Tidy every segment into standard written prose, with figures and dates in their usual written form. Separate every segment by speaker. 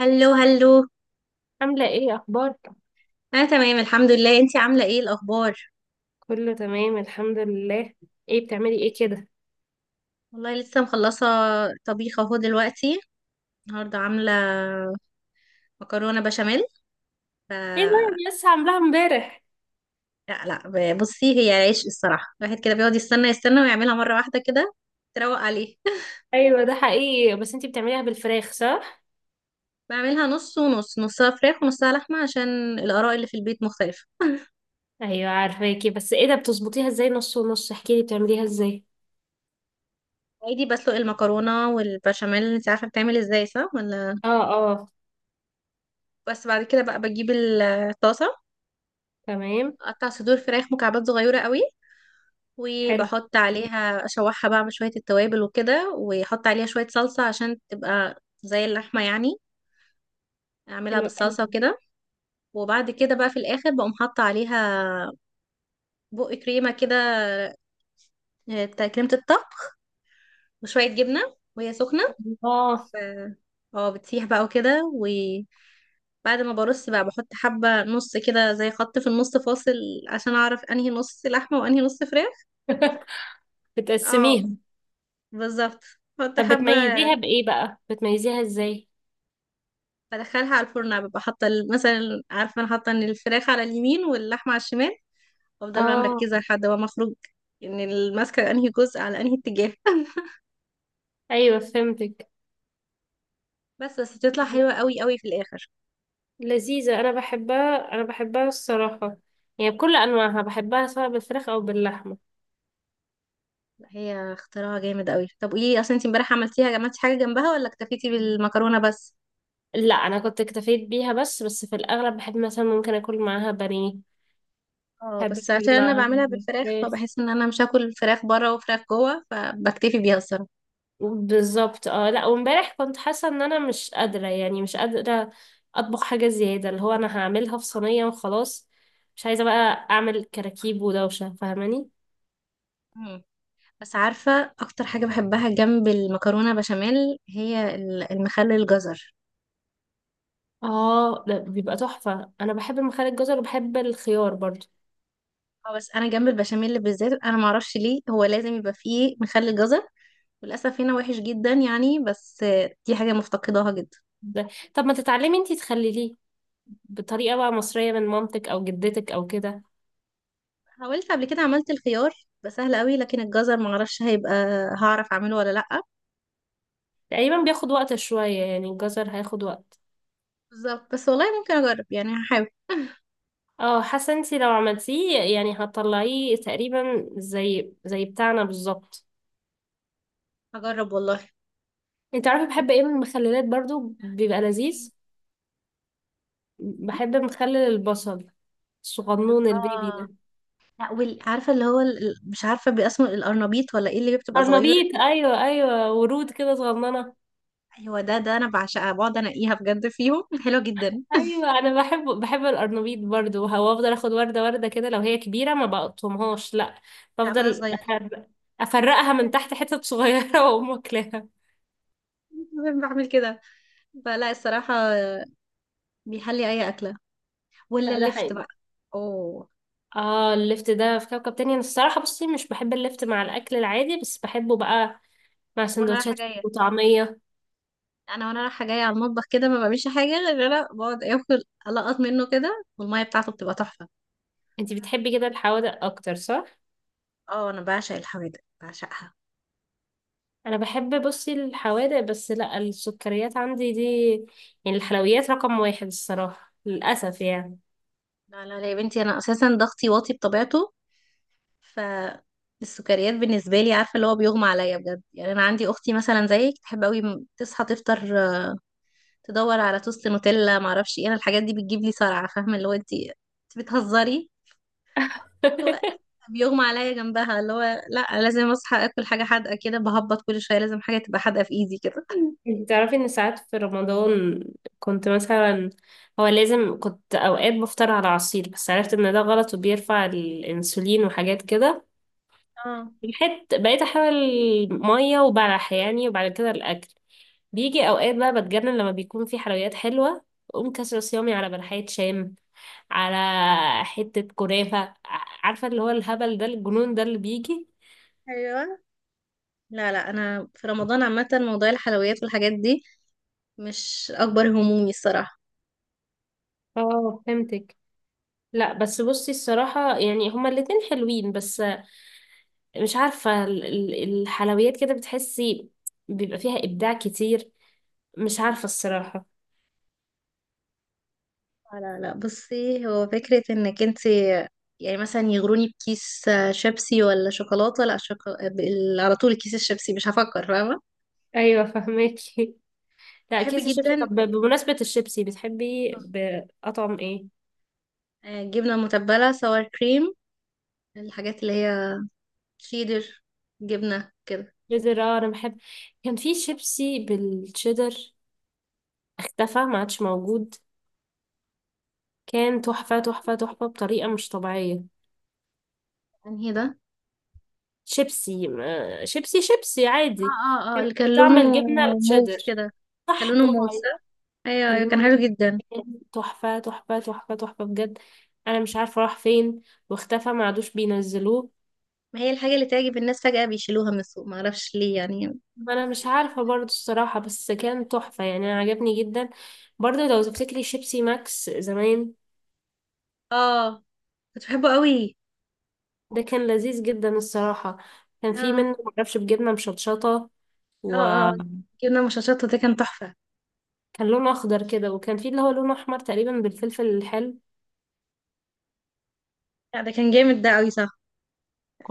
Speaker 1: هلو هلو.
Speaker 2: عاملة ايه اخبارك؟
Speaker 1: انا تمام الحمد لله، انتي عامله ايه الاخبار؟
Speaker 2: كله تمام الحمد لله. ايه بتعملي ايه كده؟
Speaker 1: والله لسه مخلصه طبيخ اهو دلوقتي، النهارده عامله مكرونه بشاميل. ف
Speaker 2: ايه ده، انا لسه عاملاها امبارح.
Speaker 1: لا لا، بصي هي عيش الصراحه، الواحد كده بيقعد يستنى يستنى ويعملها مره واحده كده تروق عليه.
Speaker 2: ايوه ده حقيقي، بس انتي بتعمليها بالفراخ صح؟
Speaker 1: بعملها نص ونص، نصها فراخ ونصها لحمه عشان الاراء اللي في البيت مختلفه.
Speaker 2: ايوه عارفاكي، بس ايه ده بتظبطيها ازاي نص ونص، احكيلي بتعمليها ازاي؟
Speaker 1: عادي، بسلق المكرونه والبشاميل انت عارفه بتعمل ازاي صح ولا؟
Speaker 2: اه اه.
Speaker 1: بس بعد كده بقى بجيب الطاسه،
Speaker 2: تمام.
Speaker 1: اقطع صدور فراخ مكعبات صغيره قوي،
Speaker 2: حلو.
Speaker 1: وبحط عليها اشوحها بقى مع شوية التوابل وكده، واحط عليها شوية صلصة عشان تبقى زي اللحمة يعني. اعملها
Speaker 2: حلو
Speaker 1: بالصلصة
Speaker 2: قوي.
Speaker 1: وكده. وبعد كده بقى في الاخر بقوم حاطة عليها بق كريمة كده، بتاع كريمة الطهي، وشوية جبنة وهي سخنة.
Speaker 2: اه.
Speaker 1: ف اه، بتسيح بقى وكده. وبعد ما برص بقى بحط حبة نص كده زي خط في النص فاصل، عشان اعرف انهي نص لحمة وانهي نص فراخ. اه
Speaker 2: بتقسميها.
Speaker 1: بالظبط، بحط
Speaker 2: طب
Speaker 1: حبة.
Speaker 2: بتميزيها بايه بقى؟ بتميزيها ازاي؟
Speaker 1: بدخلها على الفرن، ببقى حاطه مثلا عارفه انا حاطه ان الفراخ على اليمين واللحمه على الشمال، وافضل بقى
Speaker 2: اه.
Speaker 1: مركزه لحد ما اخرج ان الماسكه انهي جزء على انهي اتجاه.
Speaker 2: ايوه فهمتك.
Speaker 1: بس بتطلع حلوه قوي قوي في الاخر.
Speaker 2: لذيذة، أنا بحبها أنا بحبها الصراحة. يعني بكل أنواعها بحبها، سواء بالفراخ أو باللحمة.
Speaker 1: لا، هي اختراع جامد قوي. طب قولي لي، اصلا انت امبارح عملتي حاجه جنبها ولا اكتفيتي بالمكرونه بس؟
Speaker 2: لا انا كنت اكتفيت بيها، بس بس في الاغلب بحب مثلا ممكن اكل معاها بانيه.
Speaker 1: اه
Speaker 2: بحب
Speaker 1: بس
Speaker 2: اكل
Speaker 1: عشان انا
Speaker 2: معاها
Speaker 1: بعملها بالفراخ
Speaker 2: فراخ.
Speaker 1: فبحس ان انا مش هاكل فراخ بره وفراخ جوه، فبكتفي بيها الصراحه.
Speaker 2: بالظبط اه. لا وامبارح كنت حاسه ان انا مش قادره، يعني مش قادره اطبخ حاجه زياده، اللي هو انا هعملها في صينيه وخلاص. مش عايزه بقى اعمل كراكيب ودوشه، فاهماني.
Speaker 1: مم. بس عارفه اكتر حاجه بحبها جنب المكرونه بشاميل هي المخلل الجزر.
Speaker 2: اه لا بيبقى تحفه، انا بحب مخلل الجزر وبحب الخيار برضو.
Speaker 1: اه بس انا جنب البشاميل بالذات، انا ما اعرفش ليه هو لازم يبقى فيه مخلل جزر. وللاسف هنا وحش جدا يعني، بس دي حاجه مفتقداها جدا.
Speaker 2: ده. طب ما تتعلمي انتي تخلليه بطريقه بقى مصريه، من مامتك او جدتك او كده.
Speaker 1: حاولت قبل كده عملت الخيار، بقى سهل قوي، لكن الجزر ما اعرفش هيبقى، هعرف اعمله ولا لا.
Speaker 2: تقريبا بياخد وقت شوية، يعني الجزر هياخد وقت.
Speaker 1: بالظبط، بس والله ممكن اجرب يعني، هحاول.
Speaker 2: اه، حاسة انتي لو عملتيه يعني هتطلعيه تقريبا زي زي بتاعنا بالظبط.
Speaker 1: اجرب والله.
Speaker 2: انت عارفة،
Speaker 1: قولي-.
Speaker 2: بحب ايه من المخللات برضو بيبقى لذيذ. بحب مخلل البصل، الصغنون البيبي
Speaker 1: اه
Speaker 2: ده.
Speaker 1: لا، عارفه اللي هو مش عارفه باسمه، القرنبيط ولا ايه اللي بتبقى صغيره؟
Speaker 2: قرنبيط، ايوه ايوه، ورود كده صغننة.
Speaker 1: ايوه ده، انا بعشقها، بقعد انقيها بجد فيهم، حلوه جدا.
Speaker 2: ايوه انا بحب بحب القرنبيط برضو، وافضل اخد وردة وردة كده، لو هي كبيرة ما بقطمهاش، لا.
Speaker 1: لا خلاص
Speaker 2: بفضل
Speaker 1: صغيرين.
Speaker 2: أفرق- افرقها من تحت حتت صغيرة واقوم واكلاها.
Speaker 1: بعمل كده. فلا الصراحة، بيحلي أي أكلة. ولا
Speaker 2: لا ده
Speaker 1: اللفت
Speaker 2: حقيقي.
Speaker 1: بقى. أوه.
Speaker 2: اه الليفت ده في كوكب تاني، انا الصراحة بصي مش بحب الليفت مع الاكل العادي، بس بحبه بقى مع
Speaker 1: وأنا رايحة
Speaker 2: سندوتشات
Speaker 1: جاية
Speaker 2: وطعمية.
Speaker 1: أنا وأنا رايحة جاية على المطبخ كده، ما بعملش حاجة غير إن أنا بقعد آكل، ألقط منه كده، والمية بتاعته بتبقى تحفة.
Speaker 2: انتي بتحبي كده الحوادق اكتر صح؟
Speaker 1: أه أنا بعشق الحوادق، بعشقها.
Speaker 2: انا بحب بصي الحوادق، بس لا السكريات عندي دي، يعني الحلويات رقم واحد الصراحة، للأسف يعني.
Speaker 1: لا لا لا يا بنتي، أنا أساسا ضغطي واطي بطبيعته، فالسكريات بالنسبة لي عارفة اللي هو بيغمى عليا بجد يعني. أنا عندي أختي مثلا زيك، تحب أوي، تصحى تفطر، تدور على توست نوتيلا معرفش إيه. أنا الحاجات دي بتجيب لي صرعة، فاهمة اللي هو، أنت بتهزري؟ هو بيغمى عليا جنبها اللي هو، لا لازم اصحى اكل حاجه حادقه كده، بهبط كل شويه لازم حاجه تبقى حادقه في ايدي كده.
Speaker 2: انتي تعرفي ان ساعات في رمضان كنت مثلا، هو لازم كنت اوقات بفطر على عصير، بس عرفت ان ده غلط وبيرفع الانسولين وحاجات كده.
Speaker 1: اه.
Speaker 2: الحت بقيت احاول ميه وبلح يعني، وبعد كده الاكل بيجي اوقات بقى بتجنن لما بيكون في حلويات حلوه. اقوم كسر صيامي على بلحية شام، على حته كنافه. عارفه اللي هو الهبل ده الجنون ده اللي بيجي.
Speaker 1: ايوه. لا لا، انا في رمضان عامه موضوع الحلويات والحاجات دي مش اكبر همومي الصراحه.
Speaker 2: اه فهمتك. لا بس بصي الصراحة يعني هما الاتنين حلوين، بس مش عارفة الحلويات كده بتحسي بيبقى فيها إبداع كتير، مش عارفة الصراحة.
Speaker 1: لا لا، بصي هو فكره انك انت، يعني مثلا يغروني بكيس شيبسي ولا شوكولاته، لا على طول كيس الشيبسي مش هفكر، فاهمه؟
Speaker 2: ايوه فهماكي لا
Speaker 1: بحب
Speaker 2: كيس الشيبسي. طب
Speaker 1: جدا.
Speaker 2: بمناسبة الشيبسي بتحبي بأطعم ايه؟
Speaker 1: جبنه متبله سوار كريم، الحاجات اللي هي شيدر، جبنه كده.
Speaker 2: شيدر، اه انا بحب. كان في شيبسي بالشيدر، اختفى ما عادش موجود. كان تحفة تحفة تحفة بطريقة مش طبيعية.
Speaker 1: انهي ده؟
Speaker 2: شيبسي ما- شيبسي شيبسي
Speaker 1: اه
Speaker 2: عادي.
Speaker 1: اه اه،
Speaker 2: كان
Speaker 1: اللي كان
Speaker 2: بطعم
Speaker 1: لونه
Speaker 2: الجبنة
Speaker 1: موف
Speaker 2: الشيدر.
Speaker 1: كده. كان
Speaker 2: صح،
Speaker 1: لونه
Speaker 2: برافو
Speaker 1: موف
Speaker 2: عليك.
Speaker 1: صح؟ ايوه
Speaker 2: كان
Speaker 1: ايوه، كان
Speaker 2: لونه
Speaker 1: حلو جدا.
Speaker 2: تحفة تحفة تحفة تحفة بجد. أنا مش عارفة راح فين، واختفى ما عادوش بينزلوه.
Speaker 1: ما هي الحاجة اللي تعجب الناس فجأة بيشيلوها من السوق، ما اعرفش ليه يعني.
Speaker 2: ما انا مش عارفه برضو الصراحه، بس كان تحفه يعني، انا عجبني جدا. برضو لو تفتكري شيبسي ماكس زمان،
Speaker 1: اه، كنت بحبه قوي.
Speaker 2: ده كان لذيذ جدا الصراحه. كان في
Speaker 1: اه
Speaker 2: منه معرفش بجبنه مشطشطه،
Speaker 1: اه اه،
Speaker 2: وكان
Speaker 1: جبنا مشاشات ده كان تحفة.
Speaker 2: لونه اخضر كده، وكان في اللي هو لونه احمر تقريبا بالفلفل الحلو.
Speaker 1: لا ده كان جامد ده قوي صح.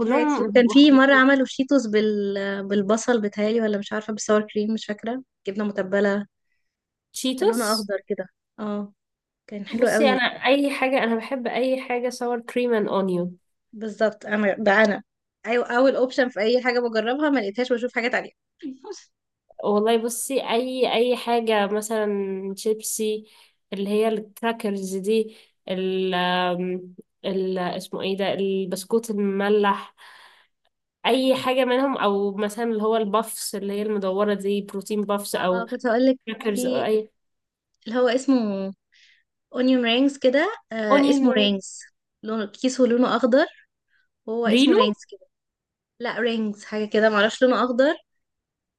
Speaker 1: في حاجات كتير، وكان
Speaker 2: بيبقوا
Speaker 1: في مرة
Speaker 2: حلوين.
Speaker 1: عملوا شيتوس بالبصل بتهيألي، ولا مش عارفة، بالساور كريم مش فاكرة، جبنة متبلة. كان لونه
Speaker 2: تشيتوس.
Speaker 1: أخضر كده. اه كان حلو
Speaker 2: بصي
Speaker 1: قوي.
Speaker 2: انا اي حاجه، انا بحب اي حاجه sour cream and onion.
Speaker 1: بالظبط، انا ده انا. ايوه، اول اوبشن في اي حاجه بجربها، ما لقيتهاش بشوف حاجات عليها.
Speaker 2: والله بصي، اي حاجه مثلا شيبسي، اللي هي الكراكرز دي، ال آم، اسمه ايه ده، البسكوت المملح، اي حاجه منهم. او مثلا اللي هو البافس، اللي هي المدوره دي، بروتين بافس
Speaker 1: اه اه،
Speaker 2: او
Speaker 1: كنت هقول لك.
Speaker 2: كراكرز او
Speaker 1: في
Speaker 2: اي.
Speaker 1: اللي هو اسمه اونيون رينجز كده،
Speaker 2: اونيون
Speaker 1: اسمه
Speaker 2: رينج.
Speaker 1: رينجز. لونه اخضر، وهو اسمه
Speaker 2: رينو،
Speaker 1: رينجز كده. لا رينجز حاجه كده، معرفش، لونه اخضر،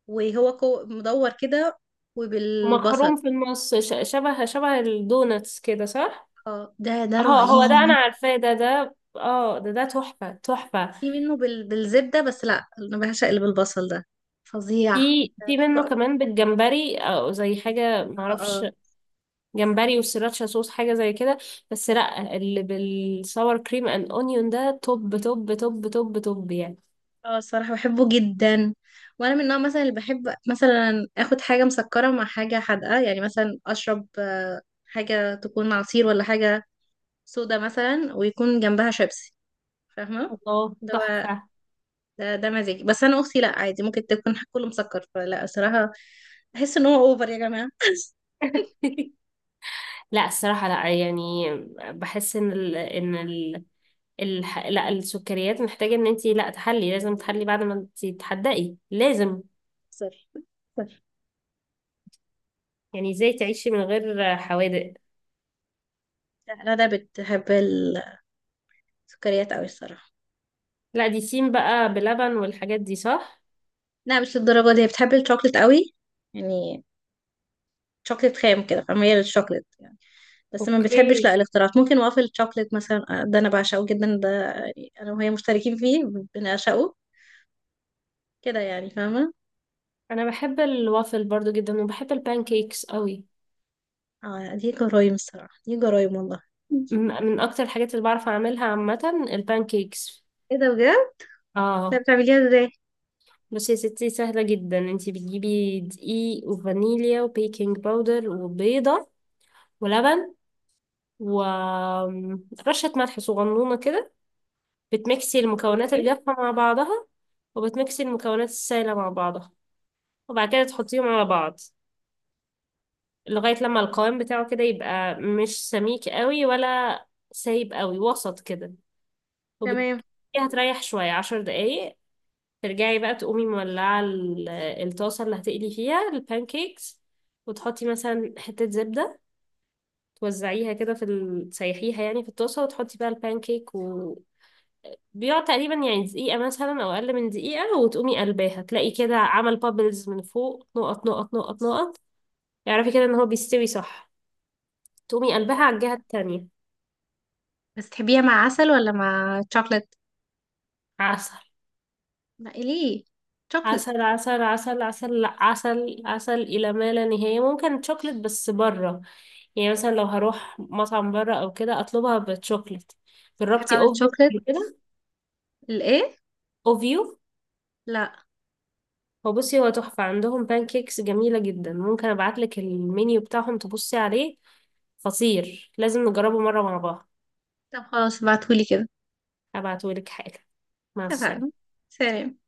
Speaker 1: وهو مدور كده،
Speaker 2: مخروم
Speaker 1: وبالبصل.
Speaker 2: في النص، شبه شبه الدوناتس كده صح؟
Speaker 1: اه ده
Speaker 2: اه هو ده انا
Speaker 1: رهيب.
Speaker 2: عارفاه، ده اه ده تحفه تحفه.
Speaker 1: في منه بالزبده، بس لا انا بعشق اللي بالبصل ده، فظيع
Speaker 2: في
Speaker 1: انا
Speaker 2: في
Speaker 1: بحبه
Speaker 2: منه
Speaker 1: قوي.
Speaker 2: كمان بالجمبري او زي حاجه
Speaker 1: اه
Speaker 2: معرفش، جمبري والسراتشا صوص حاجة زي كده. بس لا اللي بالصور كريم اند اونيون ده توب توب توب توب توب يعني.
Speaker 1: اه، الصراحة بحبه جدا. وانا من النوع مثلا اللي بحب مثلا اخد حاجة مسكرة مع حاجة حادقة، يعني مثلا اشرب حاجة تكون عصير ولا حاجة سودا مثلا، ويكون جنبها شيبسي. فاهمة؟
Speaker 2: الله
Speaker 1: ده هو-.
Speaker 2: تحفة.
Speaker 1: ده مزاجي، بس انا اختي لا عادي ممكن تكون كله مسكر، فلا الصراحة، بحس ان هو اوفر يا جماعة.
Speaker 2: لا الصراحة لا يعني، بحس لا السكريات محتاجة ان انتي لا تحلي، لازم تحلي بعد ما انتي تحدقي لازم.
Speaker 1: سوري سوري.
Speaker 2: يعني ازاي تعيشي من غير حوادق.
Speaker 1: لا لا، ده بتحب السكريات قوي الصراحة.
Speaker 2: لا دي سين بقى بلبن والحاجات دي صح؟
Speaker 1: لا مش للدرجة دي، هي بتحب الشوكليت قوي يعني، شوكليت خام كده، فميال للشوكليت يعني. بس ما بتحبش
Speaker 2: اوكي.
Speaker 1: لا الاختراعات، ممكن وافل شوكليت مثلا، ده انا بعشقه جدا ده. يعني انا وهي مشتركين فيه، بنعشقه كده يعني، فاهمه؟
Speaker 2: انا بحب الوافل برضو جدا، وبحب البانكيكس قوي.
Speaker 1: اه دي جرايم الصراحه، دي جرايم والله.
Speaker 2: من من اكتر الحاجات اللي بعرف اعملها عامه البانكيكس.
Speaker 1: ايه ده بجد؟ طب
Speaker 2: اه
Speaker 1: بتعمليها ازاي؟
Speaker 2: بس يا ستي سهله جدا، انتي بتجيبي دقيق وفانيليا وبيكنج باودر وبيضه ولبن ورشة ملح صغنونة كده. بتمكسي المكونات
Speaker 1: اوكي.
Speaker 2: الجافة مع بعضها، وبتمكسي المكونات السائلة مع بعضها، وبعد كده تحطيهم على بعض لغاية لما القوام بتاعه كده يبقى مش سميك قوي ولا سايب قوي، وسط كده. وبت...
Speaker 1: تمام.
Speaker 2: هتريح شوية 10 دقايق. ترجعي بقى تقومي مولعة الطاسة اللي هتقلي فيها البانكيكس، وتحطي مثلا حتة زبدة، توزعيها كده في تسيحيها يعني في الطاسة، وتحطي بقى البانكيك، و بيقعد تقريبا يعني دقيقة مثلا أو أقل من دقيقة، وتقومي قلباها تلاقي كده عمل بابلز من فوق، نقط نقط نقط نقط. اعرفي كده إن هو بيستوي صح، تقومي قلبها على الجهة التانية.
Speaker 1: بس تحبيها مع عسل ولا مع شوكليت؟
Speaker 2: عسل.
Speaker 1: لا إيه ليه؟ شوكليت.
Speaker 2: عسل عسل عسل عسل، لا عسل عسل إلى ما لا نهاية، ممكن شوكليت بس بره، يعني مثلا لو هروح مطعم بره او كده اطلبها بالشوكليت.
Speaker 1: بحب
Speaker 2: جربتي
Speaker 1: اعمل
Speaker 2: اوفيو
Speaker 1: شوكليت.
Speaker 2: قبل كده؟
Speaker 1: الايه؟
Speaker 2: اوفيو.
Speaker 1: لا.
Speaker 2: هو بصي هو تحفه، عندهم بانكيكس جميله جدا، ممكن ابعتلك المنيو بتاعهم تبصي عليه، خطير لازم نجربه مره مع بعض.
Speaker 1: طب خلاص ابعتهولي كده.
Speaker 2: هبعتهولك حالا. مع
Speaker 1: اتفقنا.
Speaker 2: السلامه.
Speaker 1: سلام.